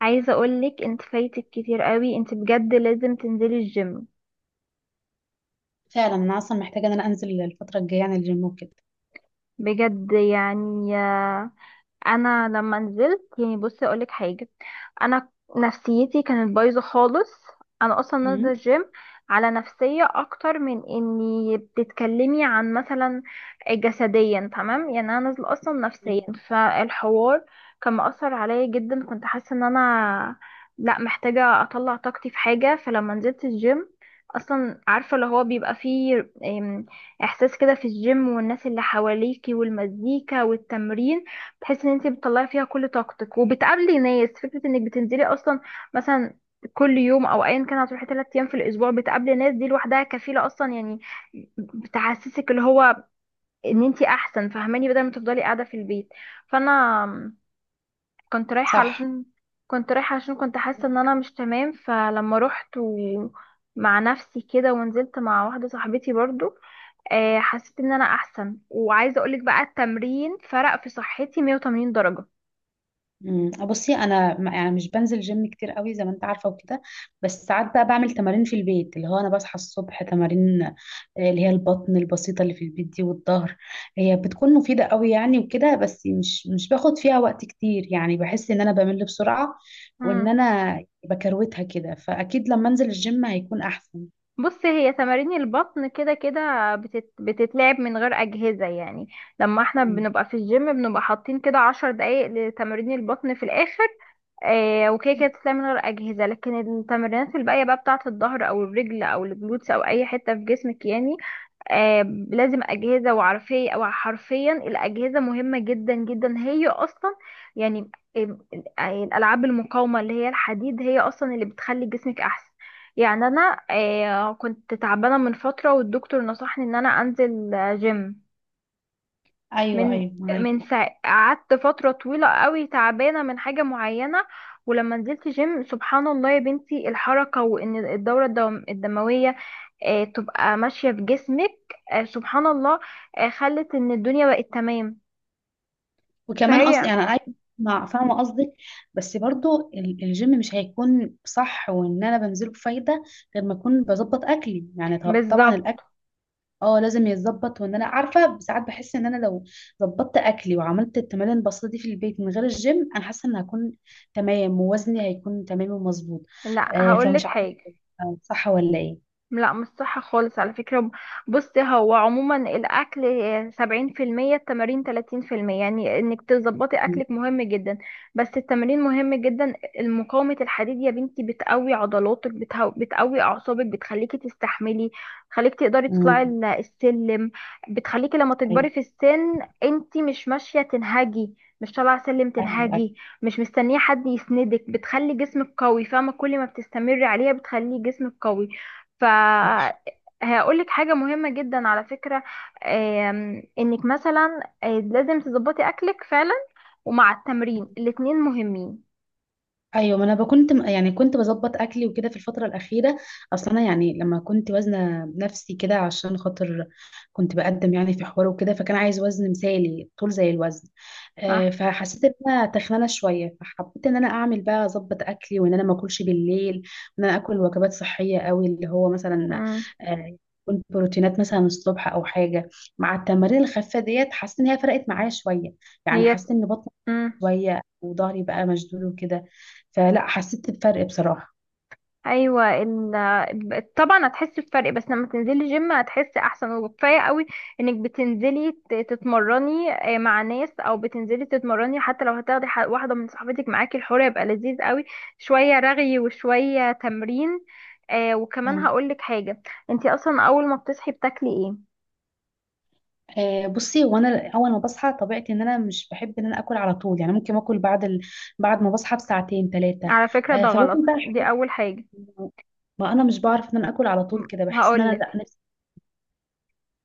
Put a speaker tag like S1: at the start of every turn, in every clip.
S1: عايزة اقولك انت فايتك كتير قوي. انت بجد لازم تنزلي الجيم.
S2: فعلا انا اصلا محتاجه ان انا انزل الفتره الجايه، يعني الجيم وكده.
S1: بجد يعني انا لما نزلت يعني، بصي اقولك حاجه. انا نفسيتي كانت بايظه خالص. انا اصلا نازله
S2: امم.
S1: الجيم على نفسيه اكتر من اني بتتكلمي عن مثلا جسديا تمام. يعني انا نازله اصلا نفسيا.
S2: مم.
S1: فالحوار كان مأثر عليا جدا. كنت حاسه ان انا لا، محتاجه اطلع طاقتي في حاجه. فلما نزلت الجيم اصلا عارفه اللي هو بيبقى فيه احساس كده في الجيم، والناس اللي حواليكي والمزيكا والتمرين، تحس ان انت بتطلعي فيها كل طاقتك وبتقابلي ناس. فكرة انك بتنزلي اصلا مثلا كل يوم او ايا كان هتروحي 3 ايام في الاسبوع بتقابلي ناس، دي لوحدها كفيلة اصلا، يعني بتحسسك اللي هو ان انت احسن، فاهماني؟ بدل ما تفضلي قاعدة في البيت. فانا كنت رايحة
S2: صح.
S1: علشان كنت رايحة علشان كنت حاسة ان انا مش تمام. فلما رحت مع نفسي كده، ونزلت مع واحدة صاحبتي برضو، حسيت ان انا احسن. وعايزة اقولك بقى، التمرين فرق في صحتي 180 درجة.
S2: بصي انا يعني مش بنزل جيم كتير قوي، زي ما انت عارفه وكده. بس ساعات بقى بعمل تمارين في البيت، اللي هو انا بصحى الصبح تمارين. اللي هي البطن البسيطه اللي في البيت دي والظهر، هي بتكون مفيده قوي يعني وكده. بس مش باخد فيها وقت كتير، يعني بحس ان انا بمل بسرعه وان
S1: مم.
S2: انا بكروتها كده. فاكيد لما انزل الجيم هيكون احسن.
S1: بص، هي تمارين البطن كده كده بتتلعب من غير أجهزة يعني. لما احنا
S2: مم.
S1: بنبقى في الجيم بنبقى حاطين كده 10 دقايق لتمارين البطن في الآخر، آه. وكده كده بتتلعب من غير أجهزة، لكن التمرينات الباقية بقى بتاعة الظهر أو الرجل أو الجلوتس أو أي حتة في جسمك يعني آه لازم أجهزة. وعارفية أو حرفيا الأجهزة مهمة جدا جدا، هي أصلا يعني آم، الألعاب المقاومة اللي هي الحديد هي أصلا اللي بتخلي جسمك أحسن. يعني أنا كنت تعبانة من فترة، والدكتور نصحني إن أنا أنزل جيم.
S2: ايوه،
S1: من
S2: ايوه معاكي.
S1: من ساعة قعدت فترة طويلة قوي تعبانة من حاجة معينة، ولما نزلت جيم سبحان الله يا بنتي، الحركة وإن الدورة الدموية تبقى ماشية بجسمك، سبحان الله، خلت ان الدنيا بقت تمام.
S2: وكمان
S1: فهي
S2: اصلا يعني انا عايزه اسمع، فاهمه قصدك. بس برضو الجيم مش هيكون صح وان انا بنزله بفايده غير ما اكون بظبط اكلي. يعني طبعا
S1: بالظبط.
S2: الاكل اه لازم يتظبط. وان انا عارفه ساعات بحس ان انا لو ظبطت اكلي وعملت التمارين البسيطه دي في البيت من غير الجيم، انا حاسه ان هكون تمام ووزني هيكون تمام ومظبوط.
S1: لا،
S2: فمش
S1: هقولك
S2: عارفه،
S1: حاجة.
S2: صح ولا ايه؟
S1: لا، مش صح خالص على فكرة. بص، هو عموما الأكل 70%، التمارين 30%. يعني إنك تظبطي
S2: م-
S1: أكلك مهم جدا، بس التمارين مهم جدا. مقاومة الحديد يا بنتي بتقوي عضلاتك، بتقوي أعصابك، بتخليكي تستحملي، بتخليكي تقدري تطلعي
S2: م-
S1: السلم، بتخليكي لما
S2: ايوه،
S1: تكبري في السن انتي مش ماشية تنهجي، مش طالعة سلم
S2: ايوه، ايوه،
S1: تنهجي، مش مستنية حد يسندك. بتخلي جسمك قوي، فاهمة؟ كل ما بتستمري عليها بتخلي جسمك قوي.
S2: صح.
S1: فهقول لك حاجة مهمة جدا على فكرة، انك مثلا لازم تظبطي اكلك فعلا، ومع التمرين الاتنين مهمين.
S2: ايوه، ما انا يعني كنت بظبط اكلي وكده في الفتره الاخيره. اصلا انا يعني لما كنت وزنه نفسي كده، عشان خاطر كنت بقدم يعني في حوار وكده، فكان عايز وزن مثالي طول زي الوزن.
S1: صح.
S2: فحسيت ان انا تخنانه شويه، فحبيت ان انا اعمل بقى اظبط اكلي وان انا ما اكلش بالليل. وان انا اكل وجبات صحيه قوي، اللي هو مثلا
S1: مم.
S2: آه، يكون بروتينات مثلا الصبح او حاجه. مع التمارين الخفيفه ديت حسيت ان هي فرقت معايا شويه، يعني
S1: هي
S2: حسيت ان بطني
S1: مم.
S2: شويه وظهري بقى مشدود وكده. فلا حسيت بفرق بصراحة.
S1: ايوه طبعا هتحسي بفرق، بس لما تنزلي جيم هتحسي احسن. وكفايه قوي انك بتنزلي تتمرني مع ناس، او بتنزلي تتمرني حتى لو هتاخدي واحده من صاحبتك معاكي، الحوار يبقى لذيذ قوي. شويه رغي وشويه تمرين. وكمان
S2: مم.
S1: هقولك حاجه، انتي اصلا اول ما بتصحي بتاكلي ايه؟
S2: بصي وانا اول ما بصحى طبيعتي ان انا مش بحب ان انا اكل على طول، يعني ممكن اكل بعد ما بصحى بساعتين ثلاثه.
S1: على فكره ده
S2: فباكل
S1: غلط،
S2: بقى
S1: دي
S2: حاجات.
S1: اول حاجه.
S2: ما انا مش بعرف ان انا اكل على طول
S1: م-
S2: كده، بحس ان انا لا
S1: هقولك،
S2: نفسي.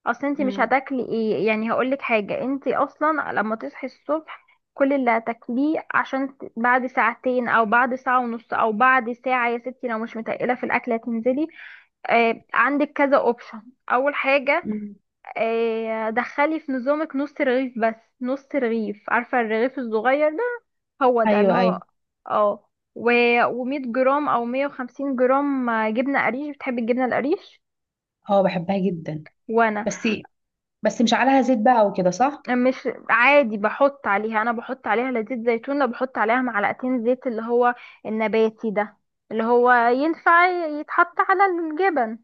S1: اصل انت مش
S2: مم.
S1: هتاكلي ايه يعني. هقولك حاجه، انت اصلا لما تصحي الصبح كل اللي هتاكليه عشان بعد ساعتين او بعد ساعه ونص او بعد ساعه يا ستي، لو مش متقله في الاكله تنزلي. آه، عندك كذا اوبشن. اول حاجه،
S2: مم.
S1: آه، دخلي في نظامك نص رغيف بس. نص رغيف، عارفه الرغيف الصغير ده؟ هو ده اللي
S2: ايوه، ايوه.
S1: هو، اه، و و100 جرام او 150 جرام جبنه قريش. بتحبي الجبنه القريش؟
S2: اه بحبها جدا.
S1: وانا
S2: بس بس مش عليها زيت بقى وكده، صح؟
S1: مش، عادي بحط عليها. انا بحط عليها، لا زيت زيتون، لا، بحط عليها معلقتين زيت اللي هو النباتي ده، اللي هو ينفع يتحط على الجبن.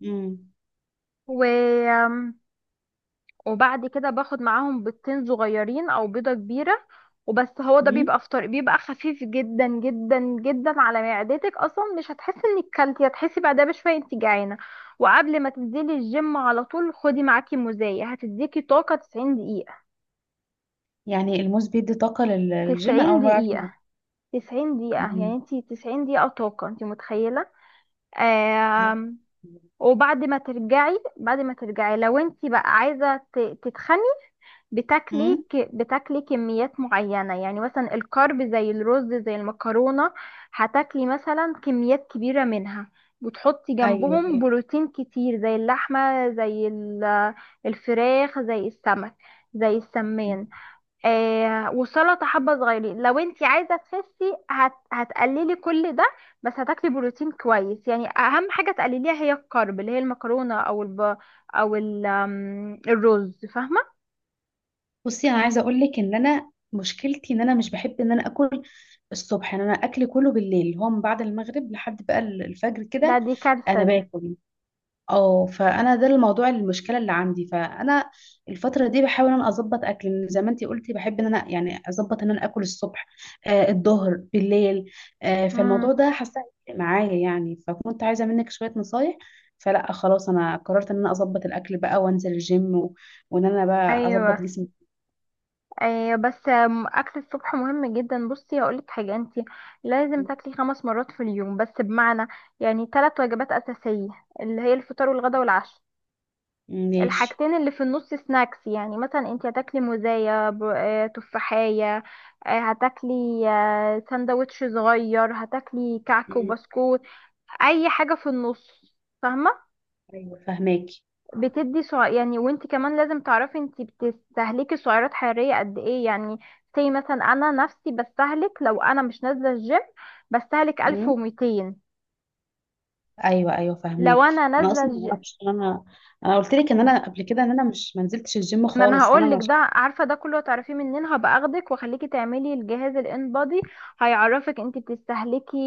S2: مم.
S1: و... وبعد كده باخد معاهم بيضتين صغيرين او بيضة كبيرة، وبس. هو ده
S2: مم.
S1: بيبقى فطار، بيبقى خفيف جدا جدا جدا على معدتك، اصلا مش هتحسي انك كلتي، هتحسي بعدها بشويه انت جعانه. وقبل ما تنزلي الجيم على طول خدي معاكي مزايا، هتديكي طاقه 90 دقيقه.
S2: يعني الموز بيدي طاقه للجيم؟ انا
S1: 90
S2: اول مره اعرف معلومة.
S1: دقيقه، 90 دقيقة. يعني
S2: مم.
S1: انتي 90 دقيقة طاقة، انتي متخيلة؟
S2: انا.
S1: آم، وبعد ما ترجعي، بعد ما ترجعي لو انتي بقى عايزة تتخني،
S2: مم.
S1: بتاكلي كميات معينة، يعني مثلا الكارب زي الرز زي المكرونة، هتاكلي مثلا كميات كبيرة منها، وتحطي
S2: ايوه،
S1: جنبهم
S2: ايوه.
S1: بروتين كتير زي اللحمة زي الفراخ زي السمك زي السمان، والسلطه حبه صغيرين. لو انت عايزه تخسي هتقللي كل ده، بس هتاكلي بروتين كويس. يعني اهم حاجه تقلليها هي الكارب اللي هي المكرونه الرز، فاهمه؟
S2: بصي انا عايزه اقول لك ان انا مشكلتي ان انا مش بحب ان انا اكل الصبح. يعني انا اكلي كله بالليل، اللي هو من بعد المغرب لحد بقى الفجر
S1: ده
S2: كده.
S1: دي كارثه
S2: انا
S1: دي.
S2: باكل اه. فانا ده الموضوع المشكله اللي عندي. فانا الفتره دي بحاول ان انا اظبط اكلي، لأن زي ما انتي قلتي بحب ان انا يعني اظبط ان انا اكل الصبح الظهر بالليل. فالموضوع
S1: امم.
S2: ده حاسه هيفرق معايا يعني، فكنت عايزه منك شويه نصايح. فلا خلاص، انا قررت ان انا اظبط الاكل بقى وانزل الجيم وان انا بقى اظبط
S1: ايوه
S2: جسمي.
S1: ايوه، بس اكل الصبح مهم جدا. بصي هقولك حاجه، انت لازم تاكلي 5 مرات في اليوم، بس بمعنى يعني 3 وجبات اساسيه اللي هي الفطار والغدا والعشاء،
S2: ماشي.
S1: الحاجتين اللي في النص سناكس. يعني مثلا انت هتاكلي موزاية تفاحية، هتاكلي سندوتش صغير، هتاكلي كعك
S2: مم.
S1: وبسكوت، اي حاجة في النص. فاهمة؟
S2: ايوه فهماكي.
S1: يعني وانت كمان لازم تعرفي انت بتستهلكي سعرات حرارية قد ايه. يعني زي مثلا انا نفسي بستهلك، لو انا مش نازلة الجيم بستهلك
S2: مم.
S1: 1200،
S2: ايوه، ايوه
S1: لو
S2: فهماكي.
S1: انا
S2: انا
S1: نازلة
S2: اصلا ما
S1: الجيم.
S2: اعرفش. انا انا قلت لك ان انا قبل كده ان انا مش ما نزلتش الجيم
S1: ما انا
S2: خالص،
S1: هقول
S2: فانا
S1: لك
S2: مش.
S1: ده، عارفه ده كله هتعرفيه منين؟ هبقى اخدك واخليكي تعملي الجهاز الان بادي. هيعرفك انت بتستهلكي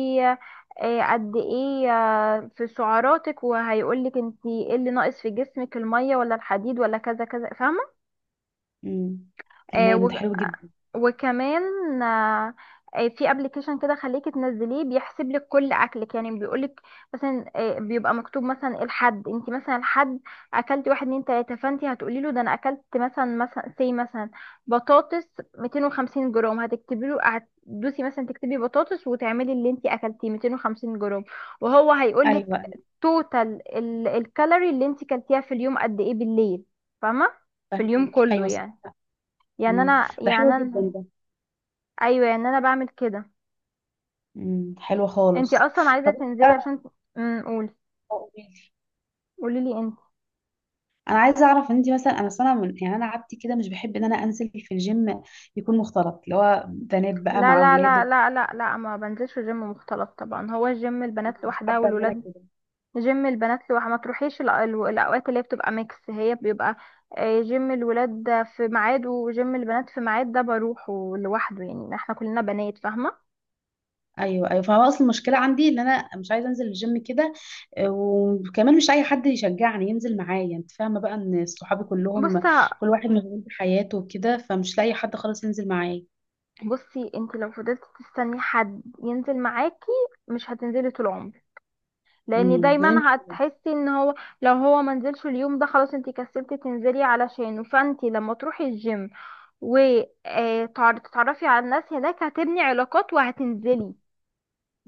S1: قد ايه في سعراتك، وهيقولك انت ايه اللي ناقص في جسمك، الميه ولا الحديد ولا كذا كذا،
S2: مم. تمام، ده
S1: فاهمه؟
S2: حلو جدا.
S1: وكمان آه، في ابلكيشن كده خليكي تنزليه، بيحسب لك كل اكلك. يعني بيقول لك مثلا بيبقى مكتوب مثلا إيه الحد، انت مثلا الحد اكلتي واحد اتنين تلاته، فانت هتقولي له، ده انا اكلت مثلا، سي مثلا بطاطس 250 جرام. هتكتبي له، هتدوسي مثلا تكتبي بطاطس، وتعملي اللي انت اكلتيه 250 جرام، وهو هيقول لك
S2: ايوه، أيوة،
S1: توتال الكالوري اللي انت كلتيها في اليوم قد ايه، بالليل، فاهمه؟ في اليوم
S2: فهماكي،
S1: كله
S2: ايوه صح.
S1: يعني. يعني
S2: مم.
S1: انا
S2: ده حلو
S1: يعني
S2: جدا
S1: انا
S2: ده.
S1: ايوه يعني انا بعمل كده.
S2: مم. حلو
S1: انتي
S2: خالص.
S1: اصلا عايزه
S2: طب إنت
S1: تنزلي
S2: بقى،
S1: عشان، قولي،
S2: قوليلي،
S1: قولي لي انت.
S2: انا عايزه اعرف. انت مثلا انا سنه من يعني انا عادتي كده مش بحب ان انا انزل في الجيم يكون مختلط، اللي هو بنات بقى
S1: لا
S2: مع
S1: لا
S2: اولاد
S1: لا
S2: وكده.
S1: لا لا لا، ما بنزلش جيم مختلط طبعا. هو الجيم
S2: أنا
S1: البنات
S2: مش
S1: لوحدها
S2: حابه ان انا
S1: والولاد،
S2: كده.
S1: جيم البنات لوحدها. ما تروحيش الاوقات اللي هي بتبقى ميكس. هي بيبقى جيم الولاد ده في ميعاد وجيم البنات في ميعاد، ده بروحه لوحده. يعني احنا كلنا بنات، فاهمه؟
S2: ايوه، ايوه، فهو اصل المشكله عندي ان انا مش عايزه انزل الجيم كده. وكمان مش اي حد يشجعني ينزل معايا. انت فاهمه بقى، ان صحابي
S1: بص
S2: كلهم كل واحد مشغول بحياته وكده، فمش لاقي حد خالص ينزل معايا.
S1: بصي، انت لو فضلت تستني حد ينزل معاكي مش هتنزلي طول عمرك، لان
S2: امم.
S1: دايما هتحسي ان هو، لو هو منزلش اليوم ده خلاص انتي كسلتي تنزلي علشانه. فانتي لما تروحي الجيم وتتعرفي على الناس هناك هتبني علاقات وهتنزلي،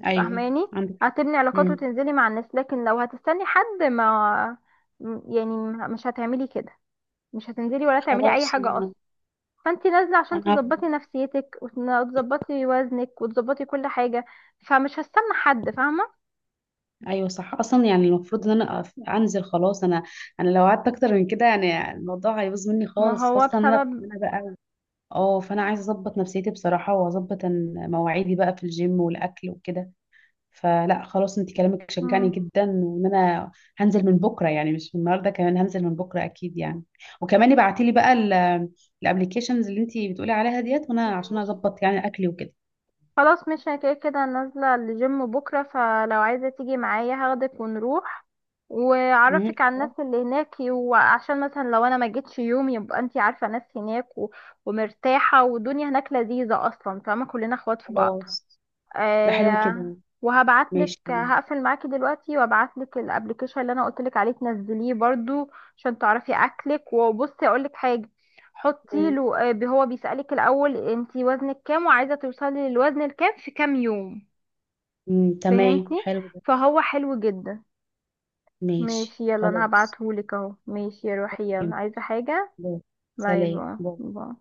S2: ايوه
S1: فاهماني؟
S2: عندك حق.
S1: هتبني علاقات
S2: امم.
S1: وتنزلي مع الناس، لكن لو هتستني حد ما يعني مش هتعملي كده، مش هتنزلي ولا تعملي اي
S2: خلاص
S1: حاجة
S2: انا.
S1: اصلا. فانتي نازلة عشان
S2: انا هبدأ.
S1: تظبطي نفسيتك وتظبطي وزنك وتظبطي كل حاجة، فمش هستنى حد، فاهمة؟
S2: ايوه صح، اصلا يعني المفروض ان انا انزل خلاص. انا انا لو قعدت اكتر من كده يعني الموضوع هيبوظ مني
S1: ما
S2: خالص،
S1: هو
S2: خاصه ان انا
S1: بسبب.
S2: انا بقى اه. فانا عايزه اظبط نفسيتي بصراحه، واظبط مواعيدي بقى في الجيم والاكل وكده. فلا خلاص، انت كلامك شجعني
S1: مم.
S2: جدا، وان انا هنزل من بكره، يعني مش من النهارده، كمان هنزل من بكره اكيد يعني. وكمان ابعتي لي بقى الابلكيشنز اللي انت بتقولي عليها ديت، وانا عشان
S1: ماشي
S2: اظبط يعني اكلي وكده.
S1: خلاص، مش أنا كده كده نازلة الجيم بكرة، فلو عايزة تيجي معايا هاخدك ونروح
S2: مم.
S1: وأعرفك على الناس اللي هناك، وعشان مثلا لو أنا ما جيتش يوم يبقى انتي عارفة ناس هناك ومرتاحة، والدنيا هناك لذيذة أصلا. فاهمة، كلنا اخوات في بعض.
S2: خلاص، ده حلو
S1: آه.
S2: كده.
S1: وهبعتلك،
S2: ماشي تمام.
S1: هقفل معاكي دلوقتي وابعتلك الابلكيشن اللي انا قلتلك عليه تنزليه برضو عشان تعرفي اكلك. وبصي اقولك حاجه، حطي
S2: مم.
S1: له آه، هو بيسالك الاول انتي وزنك كام وعايزه توصلي للوزن الكام في كام يوم،
S2: مم، تمام
S1: فهمتي؟
S2: حلو ده.
S1: فهو حلو جدا.
S2: ماشي
S1: ماشي يلا، انا
S2: خلاص.
S1: هبعتهولك اهو. ماشي روحي يلا،
S2: تمام.
S1: عايزه حاجه؟
S2: باي.
S1: باي
S2: سلام
S1: باي
S2: باي.
S1: باي.